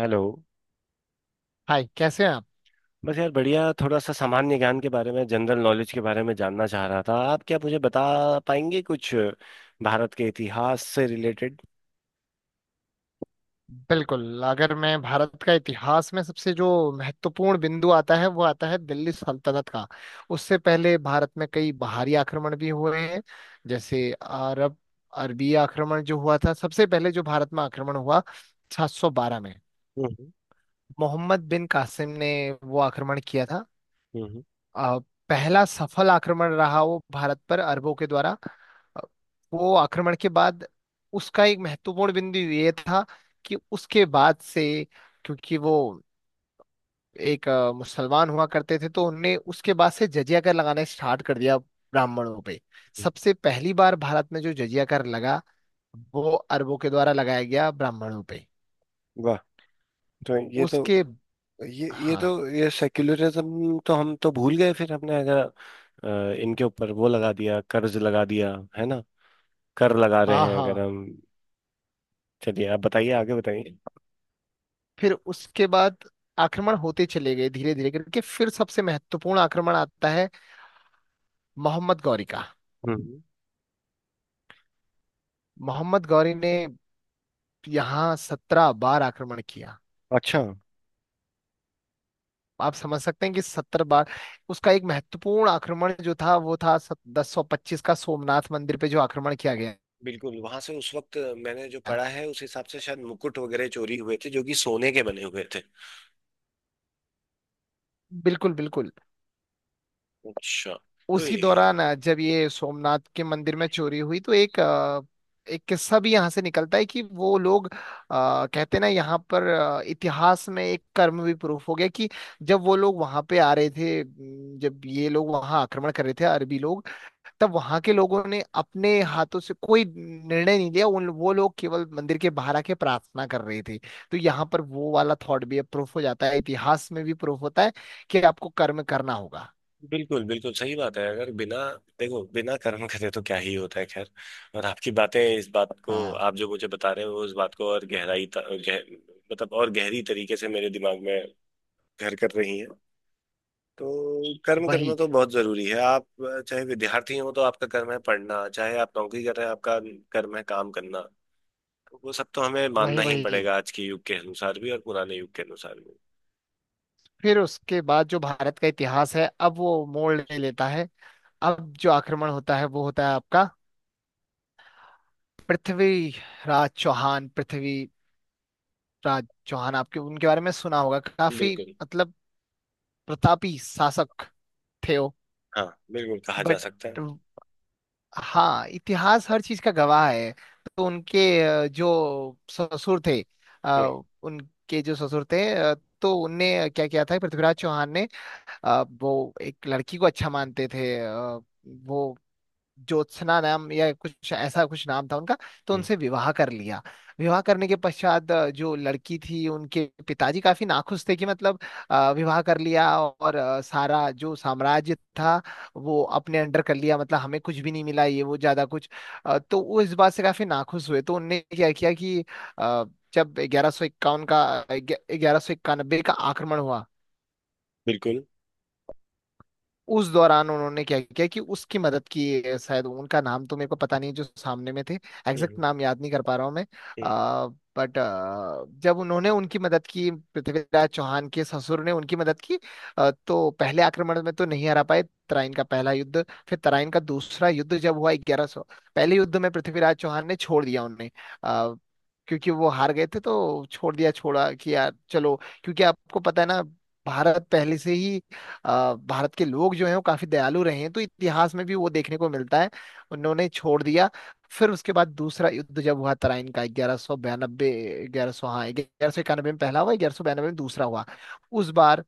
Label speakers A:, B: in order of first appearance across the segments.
A: Hello.
B: Hi, कैसे हैं आप?
A: बस यार बढ़िया, थोड़ा सा सामान्य ज्ञान के बारे में, जनरल नॉलेज के बारे में जानना चाह रहा था। आप क्या मुझे बता पाएंगे कुछ भारत के इतिहास से रिलेटेड?
B: बिल्कुल। अगर मैं भारत का इतिहास में सबसे जो महत्वपूर्ण बिंदु आता है वो आता है दिल्ली सल्तनत का। उससे पहले भारत में कई बाहरी आक्रमण भी हुए हैं, जैसे अरबी आक्रमण जो हुआ था। सबसे पहले जो भारत में आक्रमण हुआ 712 में,
A: हम्म।
B: मोहम्मद बिन कासिम ने वो आक्रमण किया था।
A: हम्म।
B: अ, पहला सफल आक्रमण रहा वो भारत पर अरबों के द्वारा। अ, वो आक्रमण के बाद उसका एक महत्वपूर्ण बिंदु ये था, कि उसके बाद से, क्योंकि वो एक मुसलमान हुआ करते थे, तो उनने उसके बाद से जजिया कर लगाना स्टार्ट कर दिया ब्राह्मणों पे।
A: हम्म।
B: सबसे पहली बार भारत में जो जजिया कर लगा वो अरबों के द्वारा लगाया गया ब्राह्मणों पे।
A: वाह। तो ये तो
B: उसके
A: ये ये
B: हाँ,
A: तो ये सेक्युलरिज्म तो हम तो भूल गए फिर। हमने अगर इनके ऊपर वो लगा दिया, कर्ज लगा दिया है ना, कर लगा रहे
B: हाँ,
A: हैं अगर
B: हाँ।
A: हम। चलिए, आप बताइए, आगे बताइए।
B: फिर उसके बाद आक्रमण होते चले गए धीरे धीरे करके। फिर सबसे महत्वपूर्ण आक्रमण आता है मोहम्मद गौरी का।
A: हम्म।
B: मोहम्मद गौरी ने यहाँ 17 बार आक्रमण किया।
A: अच्छा।
B: आप समझ सकते हैं कि 70 बार। उसका एक महत्वपूर्ण आक्रमण जो था वो था 1025 का, सोमनाथ मंदिर पे जो आक्रमण किया गया।
A: बिल्कुल। वहां से उस वक्त मैंने जो पढ़ा है उस हिसाब से शायद मुकुट वगैरह चोरी हुए थे जो कि सोने के बने हुए थे।
B: बिल्कुल, बिल्कुल।
A: अच्छा। तो
B: उसी
A: ये
B: दौरान, जब ये सोमनाथ के मंदिर में चोरी हुई, तो एक किस्सा भी यहाँ से निकलता है कि वो लोग, कहते हैं ना, यहाँ पर इतिहास में एक कर्म भी प्रूफ हो गया कि जब वो लोग वहां पे आ रहे थे म, जब ये लोग वहां आक्रमण कर रहे थे अरबी लोग, तब वहां के लोगों ने अपने हाथों से कोई निर्णय नहीं लिया। उन वो लोग केवल मंदिर के बाहर आके प्रार्थना कर रहे थे। तो यहाँ पर वो वाला थॉट भी प्रूफ हो जाता है, इतिहास में भी प्रूफ होता है कि आपको कर्म करना होगा।
A: बिल्कुल, बिल्कुल सही बात है। अगर बिना देखो बिना कर्म करे तो क्या ही होता है। खैर। और आपकी बातें इस बात को
B: हाँ।
A: आप जो मुझे बता रहे हो वो इस बात को और मतलब और गहरी तरीके से मेरे दिमाग में घर कर रही हैं। तो कर्म करना
B: वही,
A: तो बहुत जरूरी है। आप चाहे विद्यार्थी हो तो आपका कर्म है पढ़ना, चाहे आप नौकरी कर रहे हैं आपका कर्म है काम करना। तो वो सब तो हमें मानना
B: वही,
A: ही
B: वही।
A: पड़ेगा, आज के युग के अनुसार भी और पुराने युग के अनुसार भी।
B: फिर उसके बाद जो भारत का इतिहास है, अब वो मोड़ ले लेता है। अब जो आक्रमण होता है वो होता है आपका पृथ्वी राज चौहान पृथ्वी राज चौहान। आपके उनके बारे में सुना होगा काफी।
A: बिल्कुल।
B: मतलब प्रतापी शासक थे वो।
A: हाँ, बिल्कुल कहा जा
B: बट
A: सकता है।
B: हाँ, इतिहास हर चीज का गवाह है। तो उनके अ, जो ससुर थे
A: हम्म।
B: अ, उनके जो ससुर थे, तो उनने क्या किया था पृथ्वीराज चौहान ने। वो एक लड़की को अच्छा मानते थे। वो ज्योत्सना नाम या कुछ ऐसा कुछ नाम था उनका, तो
A: हम्म।
B: उनसे विवाह कर लिया। विवाह करने के पश्चात, जो लड़की थी उनके पिताजी काफी नाखुश थे कि, मतलब, विवाह कर लिया और सारा जो साम्राज्य था वो अपने अंडर कर लिया, मतलब हमें कुछ भी नहीं मिला, ये वो ज्यादा कुछ। तो वो इस बात से काफी नाखुश हुए, तो उनने क्या किया कि, अ, जब 1191 का आक्रमण हुआ,
A: बिल्कुल।
B: उस दौरान उन्होंने क्या किया कि उसकी मदद की है, शायद उनका नाम तो मेरे को पता नहीं, जो सामने में थे। एग्जैक्ट
A: हम्म।
B: नाम याद नहीं कर पा रहा हूँ मैं।
A: हम्म।
B: बट जब उन्होंने उनकी मदद की, पृथ्वीराज चौहान के ससुर ने उनकी मदद की, तो पहले आक्रमण में तो नहीं हरा पाए, तराइन का पहला युद्ध। फिर तराइन का दूसरा युद्ध जब हुआ ग्यारह सौ। पहले युद्ध में पृथ्वीराज चौहान ने छोड़ दिया उन्हें। अ, क्योंकि वो हार गए थे तो छोड़ दिया, छोड़ा कि यार चलो। क्योंकि आपको पता है ना, भारत पहले से ही अ, भारत के लोग जो हैं वो काफी दयालु रहे हैं, तो इतिहास में भी वो देखने को मिलता है। उन्होंने छोड़ दिया। फिर उसके बाद दूसरा युद्ध जब हुआ तराइन का, 1192, ग्यारह सौ हाँ, 1191 में पहला हुआ, 1192 में दूसरा हुआ। उस बार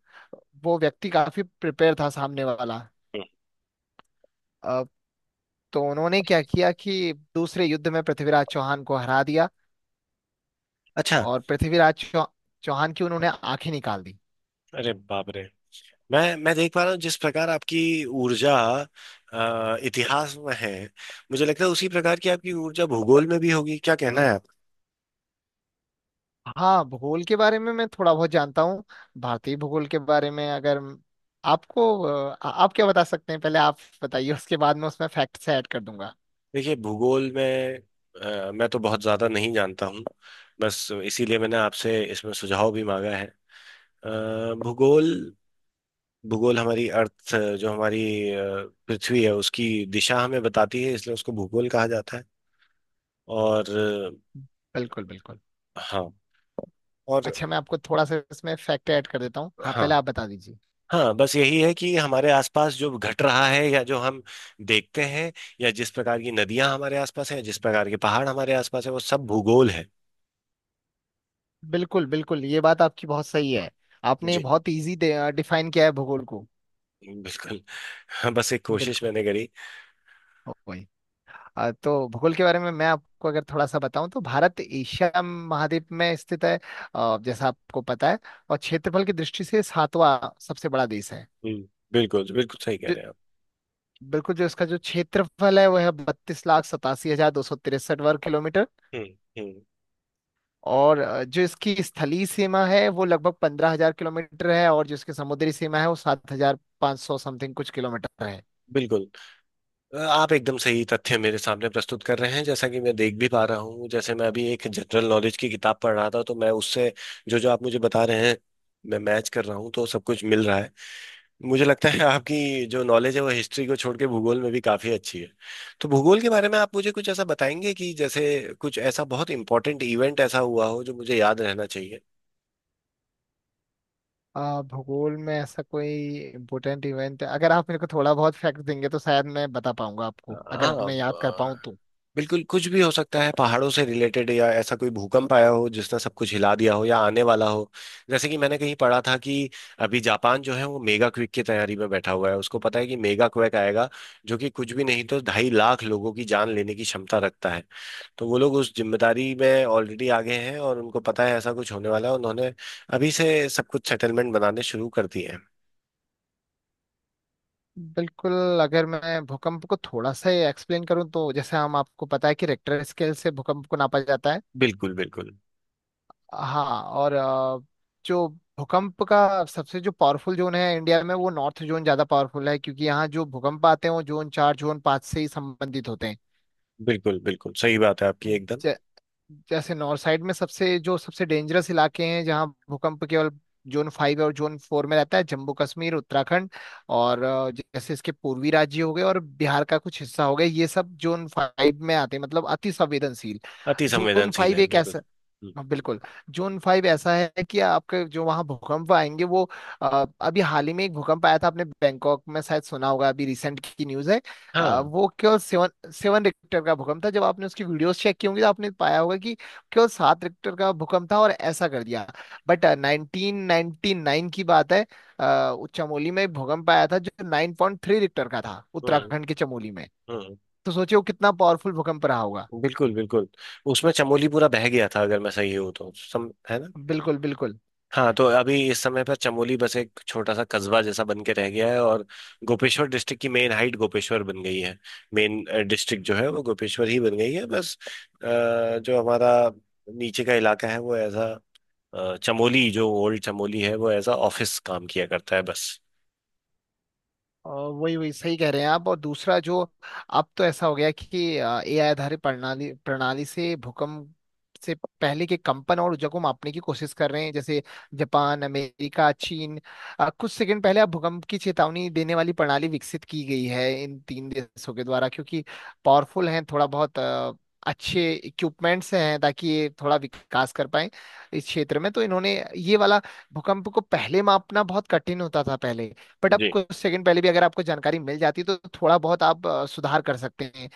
B: वो व्यक्ति काफी प्रिपेयर था, सामने वाला।
A: हम्म।
B: अ, तो उन्होंने क्या किया कि दूसरे युद्ध में पृथ्वीराज चौहान को हरा दिया
A: अच्छा।
B: और चौहान की उन्होंने आंखें निकाल दी।
A: अरे बाप रे! मैं देख पा रहा हूँ जिस प्रकार आपकी ऊर्जा इतिहास में है, मुझे लगता है उसी प्रकार की आपकी ऊर्जा भूगोल में भी होगी। क्या कहना है आप?
B: हाँ, भूगोल के बारे में मैं थोड़ा बहुत जानता हूँ। भारतीय भूगोल के बारे में, अगर आप क्या बता सकते हैं, पहले आप बताइए, उसके बाद मैं उसमें फैक्ट्स ऐड कर दूंगा।
A: देखिए, भूगोल में मैं तो बहुत ज्यादा नहीं जानता हूँ। बस इसीलिए मैंने आपसे इसमें सुझाव भी मांगा है। अ, भूगोल भूगोल हमारी अर्थ, जो हमारी पृथ्वी है, उसकी दिशा हमें बताती है, इसलिए उसको भूगोल कहा जाता है। और
B: बिल्कुल, बिल्कुल।
A: हाँ। और
B: अच्छा, मैं आपको थोड़ा सा इसमें फैक्ट ऐड कर देता हूँ, हाँ,
A: हाँ,
B: पहले आप बता दीजिए।
A: हाँ, बस यही है कि हमारे आसपास जो घट रहा है या जो हम देखते हैं, या जिस प्रकार की नदियां हमारे आसपास हैं, जिस प्रकार के पहाड़ हमारे आसपास है, वो सब भूगोल है।
B: बिल्कुल, बिल्कुल, ये बात आपकी बहुत सही है। आपने
A: जी।
B: बहुत इजी डिफाइन किया है भूगोल को।
A: बिल्कुल। हाँ, बस एक कोशिश
B: बिल्कुल।
A: मैंने करी।
B: वही। तो भूगोल के बारे में मैं आपको अगर थोड़ा सा बताऊं, तो भारत एशिया महाद्वीप में स्थित है, जैसा आपको पता है, और क्षेत्रफल की दृष्टि से 7वां सबसे बड़ा देश है।
A: हम्म। बिल्कुल, बिल्कुल सही कह
B: जो
A: रहे हैं आप।
B: बिल्कुल। जो इसका जो क्षेत्रफल है वह है 32,87,263 वर्ग किलोमीटर।
A: हम्म। हम्म।
B: और जो इसकी स्थलीय सीमा है वो लगभग 15,000 किलोमीटर है, और जो इसकी समुद्री सीमा है वो 7,500 समथिंग कुछ किलोमीटर है।
A: बिल्कुल। आप एकदम सही तथ्य मेरे सामने प्रस्तुत कर रहे हैं, जैसा कि मैं देख भी पा रहा हूँ। जैसे मैं अभी एक जनरल नॉलेज की किताब पढ़ रहा था, तो मैं उससे जो जो आप मुझे बता रहे हैं मैं मैच कर रहा हूँ, तो सब कुछ मिल रहा है। मुझे लगता है आपकी जो नॉलेज है वो हिस्ट्री को छोड़ के भूगोल में भी काफ़ी अच्छी है। तो भूगोल के बारे में आप मुझे कुछ ऐसा बताएंगे कि जैसे कुछ ऐसा बहुत इंपॉर्टेंट इवेंट ऐसा हुआ हो जो मुझे याद रहना चाहिए?
B: भूगोल में ऐसा कोई इम्पोर्टेंट इवेंट है, अगर आप मेरे को थोड़ा बहुत फैक्ट देंगे, तो शायद मैं बता पाऊंगा आपको, अगर
A: हाँ,
B: मैं याद कर पाऊँ तो।
A: बिल्कुल कुछ भी हो सकता है, पहाड़ों से रिलेटेड, या ऐसा कोई भूकंप आया हो जिसने सब कुछ हिला दिया हो या आने वाला हो। जैसे कि मैंने कहीं पढ़ा था कि अभी जापान जो है वो मेगा क्विक की तैयारी में बैठा हुआ है, उसको पता है कि मेगा क्वेक आएगा, जो कि कुछ भी नहीं तो 2.5 लाख लोगों की जान लेने की क्षमता रखता है। तो वो लोग उस जिम्मेदारी में ऑलरेडी आगे हैं और उनको पता है ऐसा कुछ होने वाला है, उन्होंने अभी से सब कुछ सेटलमेंट बनाने शुरू कर दिए हैं।
B: बिल्कुल। अगर मैं भूकंप को थोड़ा सा एक्सप्लेन करूँ, तो जैसे हम, आपको पता है कि रेक्टर स्केल से भूकंप को नापा जाता है।
A: बिल्कुल। बिल्कुल,
B: हाँ, और जो भूकंप का सबसे जो पावरफुल जोन है इंडिया में वो नॉर्थ जोन, ज्यादा पावरफुल है, क्योंकि यहाँ जो भूकंप आते हैं वो जोन चार, जोन पाँच से ही संबंधित होते
A: बिल्कुल, बिल्कुल सही बात है आपकी, एकदम।
B: हैं। जैसे नॉर्थ साइड में सबसे जो सबसे डेंजरस इलाके हैं जहाँ भूकंप केवल जोन फाइव और जोन फोर में रहता है: जम्मू कश्मीर, उत्तराखंड, और जैसे इसके पूर्वी राज्य हो गए, और बिहार का कुछ हिस्सा हो गया, ये सब जोन फाइव में आते हैं, मतलब अति संवेदनशील।
A: अति
B: जोन
A: संवेदनशील
B: फाइव
A: है,
B: एक
A: बिल्कुल।
B: ऐसा।
A: हम्म,
B: हाँ, बिल्कुल। जून फाइव ऐसा है कि आपके जो वहाँ भूकंप आएंगे वो, अभी हाल ही में एक भूकंप आया था, आपने बैंकॉक में शायद सुना होगा, अभी रिसेंट की न्यूज़ है। वो केवल 7.7 रिक्टर का भूकंप था। जब आपने उसकी वीडियोस चेक की होंगी, तो आपने पाया होगा कि केवल 7 रिक्टर का भूकंप था और ऐसा कर दिया। बट 1999 की बात है, चमोली में एक भूकंप आया था जो 9.3 रिक्टर का था,
A: हाँ।
B: उत्तराखंड के चमोली में।
A: हम्म।
B: तो सोचिए वो कितना पावरफुल भूकंप रहा होगा।
A: बिल्कुल। बिल्कुल उसमें चमोली पूरा बह गया था अगर मैं सही हूँ तो, सम है ना?
B: बिल्कुल, बिल्कुल।
A: हाँ, तो अभी इस समय पर चमोली बस एक छोटा सा कस्बा जैसा बन के रह गया है, और गोपेश्वर डिस्ट्रिक्ट की मेन हाइट गोपेश्वर बन गई है। मेन डिस्ट्रिक्ट जो है वो गोपेश्वर ही बन गई है बस। अ, जो हमारा नीचे का इलाका है वो ऐसा। चमोली जो ओल्ड चमोली है वो ऐसा ऑफिस काम किया करता है बस।
B: वही, वही, सही कह रहे हैं आप। और दूसरा जो, अब तो ऐसा हो गया कि एआई आधारित प्रणाली प्रणाली से भूकंप से पहले के कंपन और ऊर्जा को मापने की कोशिश कर रहे हैं, जैसे जापान, अमेरिका, चीन। कुछ सेकंड पहले अब भूकंप की चेतावनी देने वाली प्रणाली विकसित की गई है इन तीन देशों के द्वारा, क्योंकि पावरफुल हैं थोड़ा बहुत, अच्छे इक्विपमेंट्स हैं, ताकि ये थोड़ा विकास कर पाए इस क्षेत्र में। तो इन्होंने ये वाला, भूकंप को पहले मापना बहुत कठिन होता था पहले। बट आप
A: जी।
B: कुछ सेकंड पहले भी अगर आपको जानकारी मिल जाती है, तो थोड़ा बहुत आप सुधार कर सकते हैं।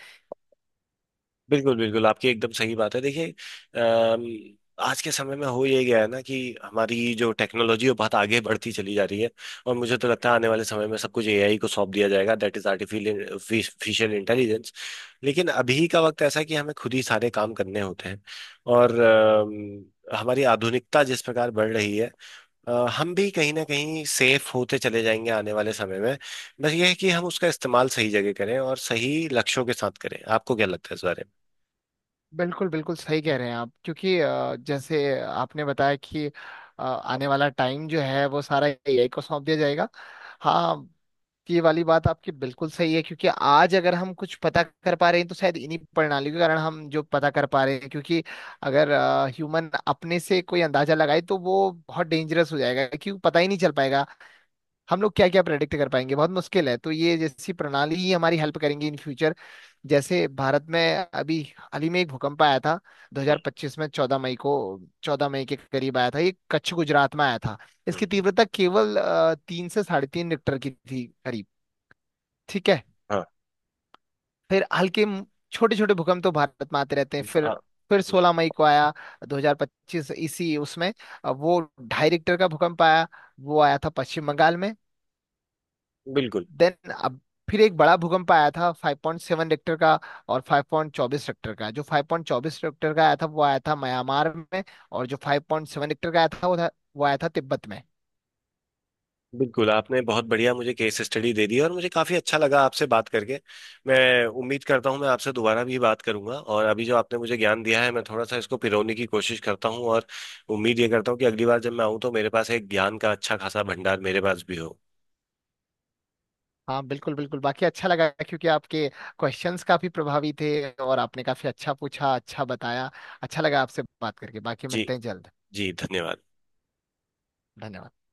A: बिल्कुल, बिल्कुल आपकी एकदम सही बात है। देखिए, अम, आज के समय में हो ये गया है ना, कि हमारी जो टेक्नोलॉजी है बहुत आगे बढ़ती चली जा रही है। और मुझे तो लगता है आने वाले समय में सब कुछ एआई को सौंप दिया जाएगा, दैट इज आर्टिफिशियल इंटेलिजेंस। लेकिन अभी का वक्त ऐसा है कि हमें खुद ही सारे काम करने होते हैं। और हमारी आधुनिकता जिस प्रकार बढ़ रही है, अ, हम भी कहीं ना कहीं सेफ होते चले जाएंगे आने वाले समय में। बस ये है कि हम उसका इस्तेमाल सही जगह करें और सही लक्ष्यों के साथ करें। आपको क्या लगता है इस बारे में?
B: बिल्कुल, बिल्कुल, सही कह रहे हैं आप। क्योंकि जैसे आपने बताया कि आने वाला टाइम जो है वो सारा एआई को सौंप दिया जाएगा। हाँ, ये वाली बात आपकी बिल्कुल सही है, क्योंकि आज अगर हम कुछ पता कर पा रहे हैं तो शायद इन्हीं प्रणालियों के कारण हम जो पता कर पा रहे हैं, क्योंकि अगर ह्यूमन अपने से कोई अंदाजा लगाए तो वो बहुत डेंजरस हो जाएगा, क्योंकि पता ही नहीं चल पाएगा हम लोग क्या क्या प्रेडिक्ट कर पाएंगे, बहुत मुश्किल है। तो ये जैसी प्रणाली ही हमारी हेल्प करेंगी इन फ्यूचर। जैसे भारत में अभी हाल ही में एक भूकंप आया था 2025 में, 14 मई को, 14 मई के करीब आया था, ये कच्छ गुजरात में आया था। इसकी
A: हम्म,
B: तीव्रता केवल 3 से साढ़े 3 रिक्टर की थी करीब। ठीक है।
A: हाँ।
B: फिर हल्के छोटे छोटे भूकंप तो भारत में आते रहते हैं। फिर
A: आ-
B: 16 मई को आया 2025, इसी उसमें वो 2.5 रिक्टर का भूकंप आया, वो आया था पश्चिम बंगाल में।
A: बिल्कुल,
B: देन अब फिर एक बड़ा भूकंप आया था 5.7 रिक्टर का और 5.24 रिक्टर का। जो 5.24 रिक्टर का आया था वो आया था म्यांमार में, और जो 5.7 रिक्टर का आया था वो आया था तिब्बत में।
A: बिल्कुल आपने बहुत बढ़िया मुझे केस स्टडी दे दी और मुझे काफी अच्छा लगा आपसे बात करके। मैं उम्मीद करता हूँ मैं आपसे दोबारा भी बात करूंगा, और अभी जो आपने मुझे ज्ञान दिया है मैं थोड़ा सा इसको पिरोने की कोशिश करता हूँ, और उम्मीद ये करता हूँ कि अगली बार जब मैं आऊँ तो मेरे पास एक ज्ञान का अच्छा खासा भंडार मेरे पास भी हो।
B: हाँ, बिल्कुल, बिल्कुल। बाकी अच्छा लगा, क्योंकि आपके क्वेश्चंस काफी प्रभावी थे और आपने काफी अच्छा पूछा, अच्छा बताया। अच्छा लगा आपसे बात करके। बाकी
A: जी।
B: मिलते हैं जल्द।
A: जी, धन्यवाद।
B: धन्यवाद।